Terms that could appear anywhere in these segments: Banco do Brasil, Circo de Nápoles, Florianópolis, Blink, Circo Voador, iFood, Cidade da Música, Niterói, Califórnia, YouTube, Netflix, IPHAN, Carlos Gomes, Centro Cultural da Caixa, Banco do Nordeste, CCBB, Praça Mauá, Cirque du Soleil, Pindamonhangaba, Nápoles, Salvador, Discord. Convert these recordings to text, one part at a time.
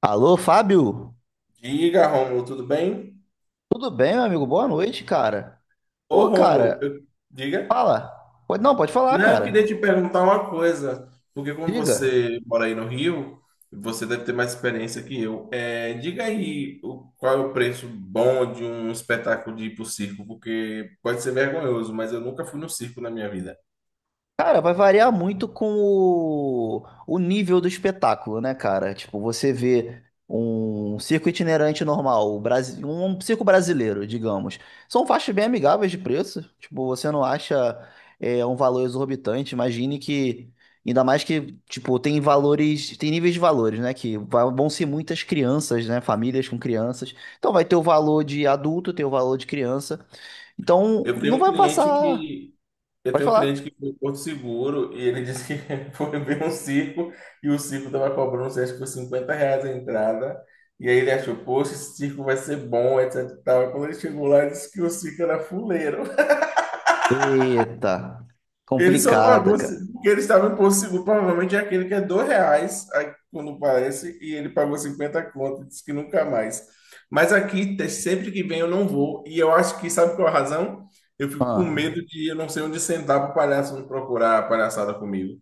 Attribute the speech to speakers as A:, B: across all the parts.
A: Alô, Fábio?
B: Diga, Rômulo, tudo bem?
A: Tudo bem, meu amigo? Boa noite, cara.
B: Ô,
A: Pô, cara,
B: Rômulo, eu- diga.
A: fala. Pode, não, pode falar,
B: Não, eu queria te
A: cara.
B: perguntar uma coisa, porque como
A: Diga.
B: você mora aí no Rio, você deve ter mais experiência que eu. Diga aí qual é o preço bom de um espetáculo de ir pro circo, porque pode ser vergonhoso, mas eu nunca fui no circo na minha vida.
A: Cara, vai variar muito com o nível do espetáculo, né, cara? Tipo, você vê um circo itinerante normal, um circo brasileiro, digamos. São faixas bem amigáveis de preço. Tipo, você não acha um valor exorbitante. Imagine que, ainda mais que, tipo, tem valores, tem níveis de valores, né? Vão ser muitas crianças, né? Famílias com crianças. Então vai ter o valor de adulto, tem o valor de criança. Então,
B: Eu tenho
A: não
B: um
A: vai
B: cliente
A: passar.
B: que Eu
A: Pode
B: tenho um cliente
A: falar.
B: que foi em Porto Seguro e ele disse que foi ver um circo e o circo estava cobrando, não sei, acho que foi 50 reais a entrada. E aí ele achou, poxa, esse circo vai ser bom, etc e tal. E quando ele chegou lá, ele disse que o circo era fuleiro.
A: Eita,
B: Ele só
A: complicada,
B: pagou
A: cara.
B: porque ele estava em Porto Seguro, provavelmente é aquele que é dois reais, aí, quando parece, e ele pagou 50 conto, e disse que nunca mais. Mas aqui, sempre que vem, eu não vou. E eu acho que, sabe qual é a razão? Eu fico com
A: Ah,
B: medo de eu não sei onde sentar para o palhaço não procurar a palhaçada comigo.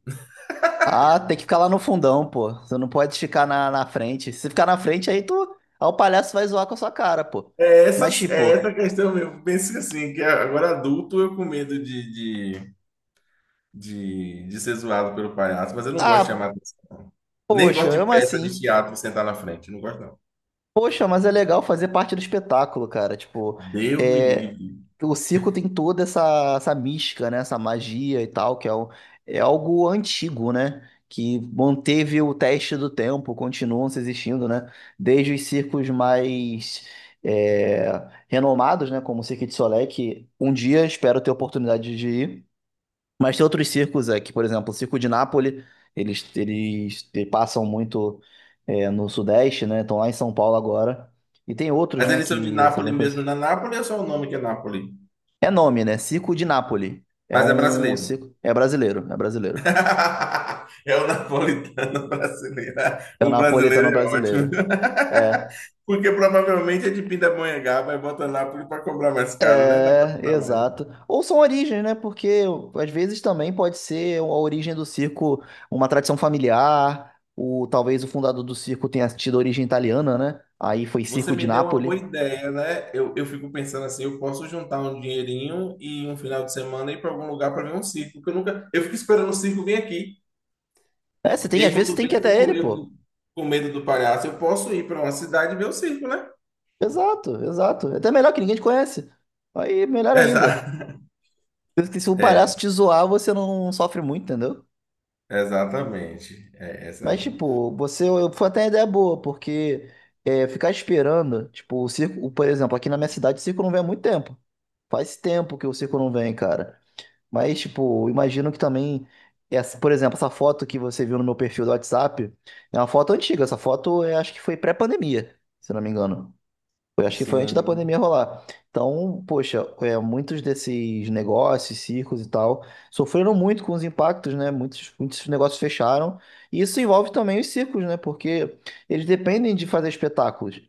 A: ah, tem que ficar lá no fundão, pô. Você não pode ficar na frente. Se ficar na frente, aí tu. Aí o palhaço vai zoar com a sua cara, pô. Mas,
B: É
A: tipo,
B: essa questão mesmo. Penso que assim, que agora adulto eu com medo de ser zoado pelo palhaço, mas eu não gosto de chamar
A: ah,
B: atenção. Nem
A: poxa,
B: gosto de
A: eu
B: peça de
A: assim.
B: teatro sentar na frente. Não gosto, não.
A: Poxa, mas é legal fazer parte do espetáculo, cara. Tipo,
B: Deus me
A: é,
B: livre.
A: o circo tem toda essa mística, né? Essa magia e tal, é algo antigo, né? Que manteve o teste do tempo, continuam se existindo, né? Desde os circos mais é, renomados, né? Como o Cirque du Soleil, que um dia espero ter a oportunidade de ir. Mas tem outros circos aqui, por exemplo, o Circo de Nápoles, eles passam muito no Sudeste, né? Estão lá em São Paulo agora. E tem outros,
B: Mas
A: né,
B: eles são de
A: que só vem
B: Nápoles mesmo.
A: conhecer.
B: Na Nápoles é só o nome que é Nápoles.
A: É nome, né? Circo de Nápoles. É
B: Mas é
A: um
B: brasileiro.
A: circo. É brasileiro, é brasileiro.
B: É o napolitano brasileiro.
A: É o
B: O brasileiro
A: napolitano
B: é ótimo.
A: brasileiro. É,
B: Porque provavelmente é de Pindamonhangaba e bota Nápoles para cobrar mais caro, né? Não para cobrar mais.
A: exato. Ou são origens, né? Porque às vezes também pode ser a origem do circo, uma tradição familiar. O, talvez o fundador do circo tenha tido origem italiana, né? Aí foi
B: Você
A: Circo
B: me
A: de
B: deu uma boa
A: Nápoles.
B: ideia, né? Eu fico pensando assim, eu posso juntar um dinheirinho e um final de semana ir para algum lugar para ver um circo, que eu nunca, eu fico esperando o circo vir aqui.
A: É, você
B: E
A: tem,
B: aí
A: às vezes você
B: quando
A: tem
B: vem,
A: que ir
B: eu fico
A: até
B: com
A: ele,
B: medo,
A: pô.
B: com medo do palhaço, eu posso ir para uma cidade e ver o circo, né?
A: Exato, exato. É até melhor que ninguém te conhece. Aí, melhor ainda.
B: Exato.
A: Porque se um
B: É,
A: palhaço te zoar, você não sofre muito, entendeu?
B: exatamente. É essa
A: Mas,
B: aí.
A: tipo, você foi até uma ideia boa, porque é, ficar esperando, tipo, o circo, por exemplo, aqui na minha cidade o circo não vem há muito tempo. Faz tempo que o circo não vem, cara. Mas, tipo, imagino que também, essa, por exemplo, essa foto que você viu no meu perfil do WhatsApp é uma foto antiga. Essa foto, eu acho que foi pré-pandemia, se não me engano. Eu acho que foi antes da pandemia
B: Sim.
A: rolar. Então, poxa, é, muitos desses negócios, circos e tal, sofreram muito com os impactos, né? Muitos negócios fecharam. E isso envolve também os circos, né? Porque eles dependem de fazer espetáculos.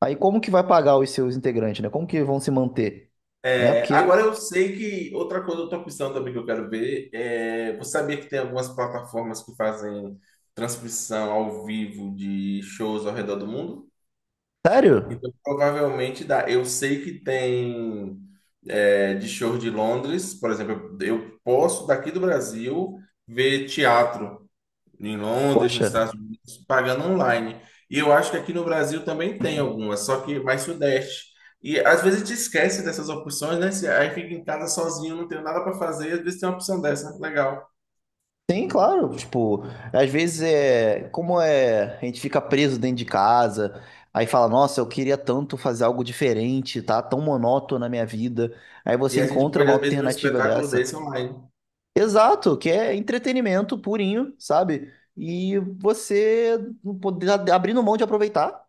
A: Aí como que vai pagar os seus integrantes, né? Como que vão se manter? Né?
B: É, agora
A: Porque,
B: eu sei que outra coisa, outra opção também que eu quero ver é, você sabia que tem algumas plataformas que fazem transmissão ao vivo de shows ao redor do mundo?
A: sério?
B: Então, provavelmente dá. Eu sei que tem de show de Londres, por exemplo, eu posso daqui do Brasil ver teatro em Londres, nos
A: Poxa.
B: Estados Unidos, pagando online. E eu acho que aqui no Brasil também tem algumas, só que mais sudeste. E às vezes te esquece dessas opções, né? Aí fica em casa sozinho, não tem nada para fazer, e às vezes tem uma opção dessa, legal.
A: Sim, claro. Tipo, às vezes é. Como é. A gente fica preso dentro de casa, aí fala, nossa, eu queria tanto fazer algo diferente, tá tão monótono na minha vida. Aí
B: E
A: você
B: a gente
A: encontra
B: pode,
A: uma
B: às vezes, ver um
A: alternativa
B: espetáculo
A: dessa.
B: desse online.
A: Exato, que é entretenimento purinho, sabe? E você poder abrindo mão de aproveitar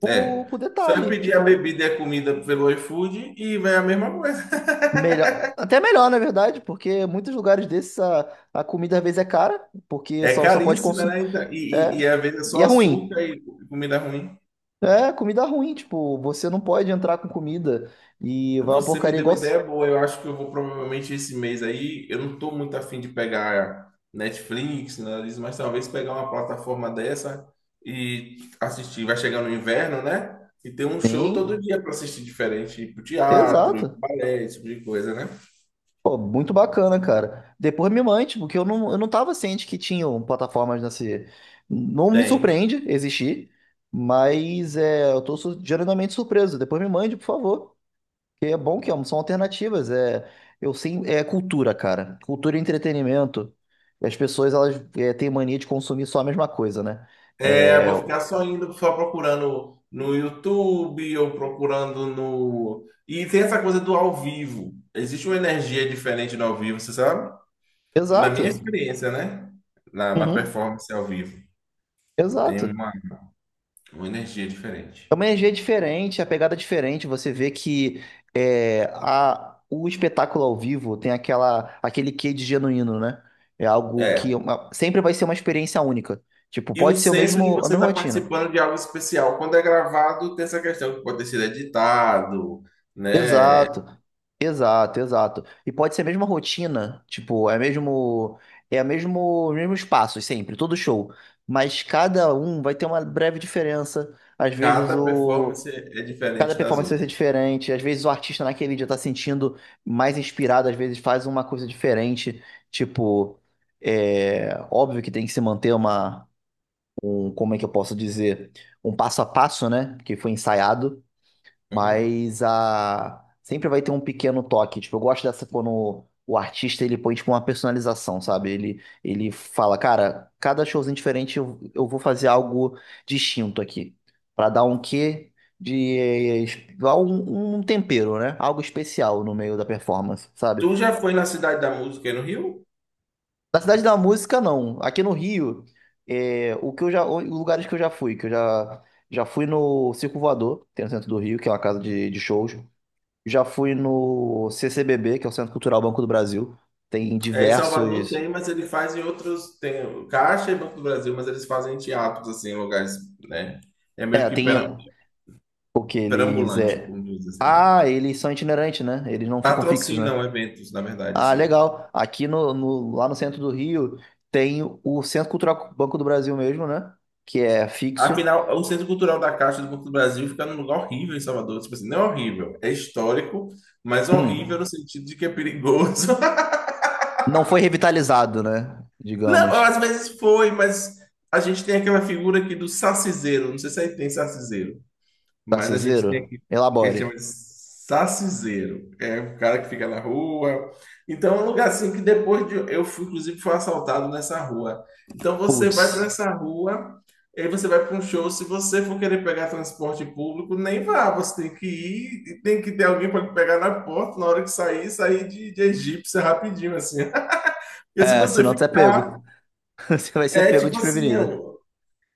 B: É.
A: por
B: Só é
A: detalhe,
B: pedir a
A: tipo,
B: bebida e a comida pelo iFood e vai a mesma conversa.
A: melhor. Até melhor, na verdade, porque muitos lugares desses a comida às vezes é cara, porque
B: É
A: só pode
B: caríssima, né?
A: consumir.
B: Então, e, e,
A: É,
B: e às vezes é
A: e
B: só
A: é ruim.
B: açúcar e comida ruim.
A: É, comida ruim, tipo, você não pode entrar com comida e vai uma
B: Você me
A: porcaria
B: deu
A: igual.
B: uma ideia boa. Eu acho que eu vou provavelmente esse mês aí. Eu não tô muito afim de pegar Netflix, nada disso, mas talvez pegar uma plataforma dessa e assistir. Vai chegar no inverno, né? E ter um show todo
A: Sim,
B: dia para assistir diferente, tipo teatro,
A: exato.
B: balé, esse tipo de coisa, né?
A: Pô, muito bacana, cara. Depois me mande, porque eu não tava ciente que tinham plataformas nesse. Não me
B: Tem.
A: surpreende existir, mas é, geralmente surpreso. Depois me mande, por favor. Que é bom que são alternativas. É, eu sim, é cultura, cara. Cultura e entretenimento. E as pessoas, elas é, têm mania de consumir só a mesma coisa, né?
B: É,
A: É,
B: vou ficar só indo, só procurando no YouTube ou procurando no. E tem essa coisa do ao vivo. Existe uma energia diferente no ao vivo, você sabe? Na minha
A: exato.
B: experiência, né? Na
A: Uhum,
B: performance ao vivo. Tem
A: exato.
B: uma energia
A: É
B: diferente.
A: uma energia diferente, a pegada é diferente. Você vê que é, o espetáculo ao vivo tem aquela, aquele quê de genuíno, né? É algo que
B: É.
A: sempre vai ser uma experiência única. Tipo,
B: E o
A: pode ser o
B: senso de
A: mesmo, a
B: você
A: mesma
B: estar
A: rotina.
B: participando de algo especial. Quando é gravado, tem essa questão que pode ter sido editado, né?
A: Exato, exato. E pode ser a mesma rotina, tipo, é mesmo, é a mesmo, os mesmos passos sempre, todo show. Mas cada um vai ter uma breve diferença. Às vezes
B: Cada
A: o
B: performance é
A: cada
B: diferente das
A: performance vai ser
B: outras.
A: diferente. Às vezes o artista naquele dia tá sentindo mais inspirado, às vezes faz uma coisa diferente. Tipo, é óbvio que tem que se manter como é que eu posso dizer, um passo a passo, né? Que foi ensaiado.
B: Uhum.
A: Mas a sempre vai ter um pequeno toque. Tipo, eu gosto dessa quando o artista ele põe tipo, uma personalização, sabe? Ele fala, cara, cada showzinho diferente eu vou fazer algo distinto aqui. Pra dar um quê de. Dar um, tempero, né? Algo especial no meio da performance, sabe?
B: Tu já foi na Cidade da Música aí no Rio?
A: Na Cidade da Música, não. Aqui no Rio, é, o que eu já, os lugares que eu já, fui, que eu já, já fui no Circo Voador, que tem no centro do Rio, que é uma casa de shows. Já fui no CCBB, que é o Centro Cultural Banco do Brasil. Tem
B: É, em Salvador
A: diversos.
B: tem, mas ele faz em outros. Tem o Caixa e Banco do Brasil, mas eles fazem em teatros, assim, em lugares, né? É meio
A: É,
B: que
A: tem o que eles
B: perambulante,
A: é.
B: como diz assim, né?
A: Ah, eles são itinerantes, né? Eles não ficam fixos, né?
B: Patrocinam eventos, na verdade,
A: Ah,
B: sim.
A: legal. Aqui no, no- lá no centro do Rio tem o Centro Cultural Banco do Brasil mesmo, né? Que é fixo.
B: Afinal, o Centro Cultural da Caixa do Banco do Brasil fica num lugar horrível em Salvador. Tipo assim, não é horrível, é histórico, mas horrível
A: Hum,
B: no sentido de que é perigoso.
A: não foi revitalizado, né?
B: Não,
A: Digamos.
B: às vezes foi, mas a gente tem aquela figura aqui do saciseiro. Não sei se aí tem saciseiro. Mas a gente tem
A: Tarciseiro,
B: aqui o que a gente chama
A: elabore.
B: de saciseiro. É o cara que fica na rua. Então, é um lugar assim que depois de. Eu fui, inclusive, fui assaltado nessa rua. Então, você vai para
A: Putz.
B: essa rua, aí você vai para um show. Se você for querer pegar transporte público, nem vá. Você tem que ir, e tem que ter alguém para lhe pegar na porta na hora que sair, sair de egípcia rapidinho, assim. Porque se
A: É,
B: você
A: senão tu é
B: ficar,
A: pego. Você vai ser
B: é
A: pego
B: tipo assim,
A: desprevenida.
B: ó,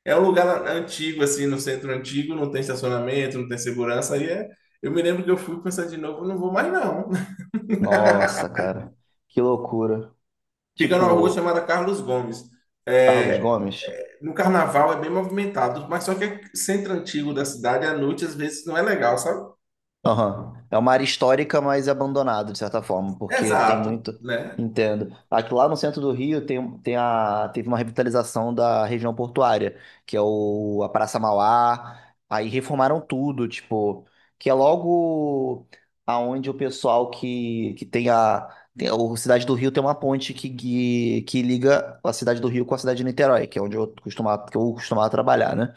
B: é um lugar antigo, assim, no centro antigo, não tem estacionamento, não tem segurança. Aí é... eu me lembro que eu fui pensar de novo, não vou mais não.
A: Nossa, cara, que loucura.
B: Fica numa rua
A: Tipo,
B: chamada Carlos Gomes.
A: Carlos
B: É,
A: Gomes,
B: no carnaval é bem movimentado, mas só que é centro antigo da cidade, à noite, às vezes não é legal, sabe?
A: aham. É uma área histórica, mas abandonada, de certa forma, porque tem
B: Exato,
A: muito.
B: né?
A: Entendo. Aqui lá no centro do Rio tem, teve uma revitalização da região portuária, que é a Praça Mauá. Aí reformaram tudo, tipo, que é logo aonde o pessoal que tem a. Tem, o Cidade do Rio tem uma ponte que liga a Cidade do Rio com a cidade de Niterói, que é onde que eu costumava trabalhar, né?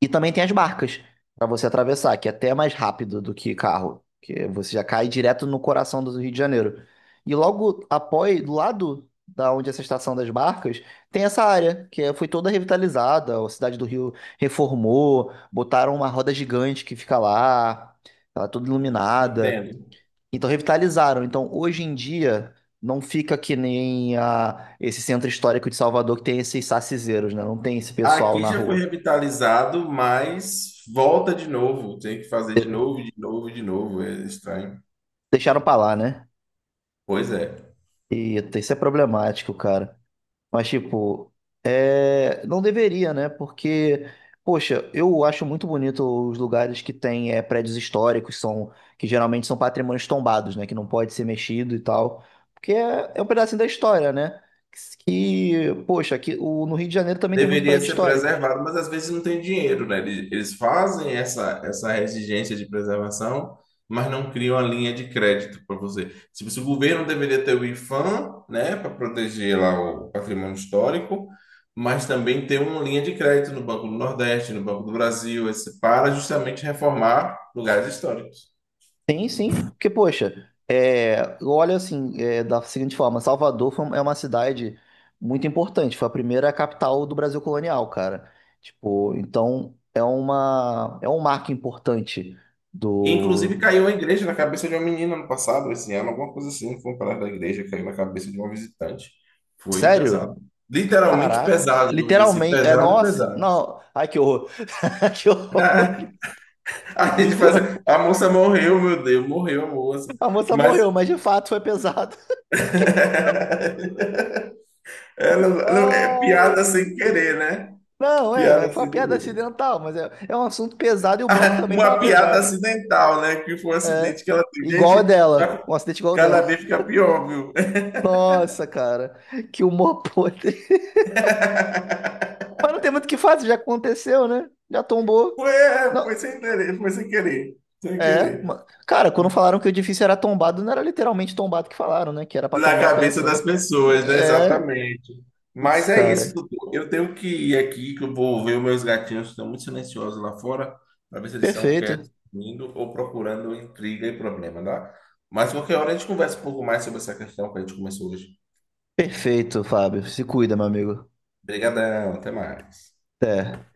A: E também tem as barcas para você atravessar, que é até mais rápido do que carro, que você já cai direto no coração do Rio de Janeiro. E logo após, do lado da onde é essa estação das barcas, tem essa área foi toda revitalizada, a cidade do Rio reformou, botaram uma roda gigante que fica lá, ela é toda iluminada.
B: Entendo.
A: Então revitalizaram. Então hoje em dia não fica que nem esse centro histórico de Salvador que tem esses sacizeiros, né? Não tem esse pessoal
B: Aqui
A: na
B: já foi
A: rua.
B: revitalizado, mas volta de novo. Tem que fazer de novo, de novo, de novo. É estranho.
A: Deixaram pra lá, né?
B: Pois é.
A: Eita, isso é problemático, cara. Mas, tipo, é não deveria, né? Porque, poxa, eu acho muito bonito os lugares que tem é, prédios históricos, são que geralmente são patrimônios tombados, né? Que não pode ser mexido e tal. Porque é um pedacinho da história, né? Que, poxa, aqui, o no Rio de Janeiro também tem muito
B: Deveria
A: prédio
B: ser
A: histórico.
B: preservado, mas às vezes não tem dinheiro, né? Eles fazem essa, essa exigência de preservação, mas não criam a linha de crédito para você. Se o governo deveria ter o IPHAN, né, para proteger lá o patrimônio histórico, mas também ter uma linha de crédito no Banco do Nordeste, no Banco do Brasil, esse, para justamente reformar lugares históricos.
A: Sim, porque, poxa, é, eu assim, é, da seguinte forma, um, é uma cidade muito importante, foi a primeira capital do Brasil colonial, cara. Tipo, então é uma, é um marco importante
B: E, inclusive
A: do.
B: caiu a igreja na cabeça de uma menina no passado, esse ano, alguma coisa assim, foi um pedaço da igreja, caiu na cabeça de uma visitante. Foi pesado.
A: Sério?
B: Literalmente
A: Caraca,
B: pesado, vamos dizer assim,
A: literalmente, é,
B: pesado,
A: nossa,
B: pesado.
A: não, ai que horror, que horror,
B: A gente fazia,
A: literal,
B: a moça morreu, meu Deus, morreu a moça.
A: a moça
B: Mas
A: morreu, mas de fato foi pesado.
B: ela, não, é
A: Ai,
B: piada
A: meu
B: sem
A: Deus.
B: querer, né?
A: Não,
B: Piada
A: é, foi uma
B: sem
A: piada
B: querer.
A: acidental, mas é, é um assunto pesado e o bloco também tava
B: Uma piada
A: pesado.
B: acidental, né? Que foi um
A: É,
B: acidente que ela teve.
A: igual a
B: Gente,
A: dela. Um acidente igual a
B: cada
A: dela.
B: vez fica pior, viu?
A: Nossa, cara. Que humor podre. Mas não tem muito o que fazer, já aconteceu, né? Já tombou.
B: Foi, é,
A: Não,
B: foi sem querer, sem
A: é.
B: querer.
A: Cara, quando falaram que o edifício era tombado, não era literalmente tombado que falaram, né? Que era pra
B: Na
A: tombar a
B: cabeça
A: peça,
B: das
A: né?
B: pessoas, né?
A: É.
B: Exatamente.
A: Putz,
B: Mas é isso,
A: cara.
B: doutor. Eu tenho que ir aqui, que eu vou ver os meus gatinhos que estão muito silenciosos lá fora, para ver se eles estão
A: Perfeito.
B: quietos, dormindo ou procurando intriga e problema, tá? Mas qualquer hora a gente conversa um pouco mais sobre essa questão que a gente começou hoje.
A: Perfeito, Fábio. Se cuida, meu amigo.
B: Obrigadão, até mais.
A: Até.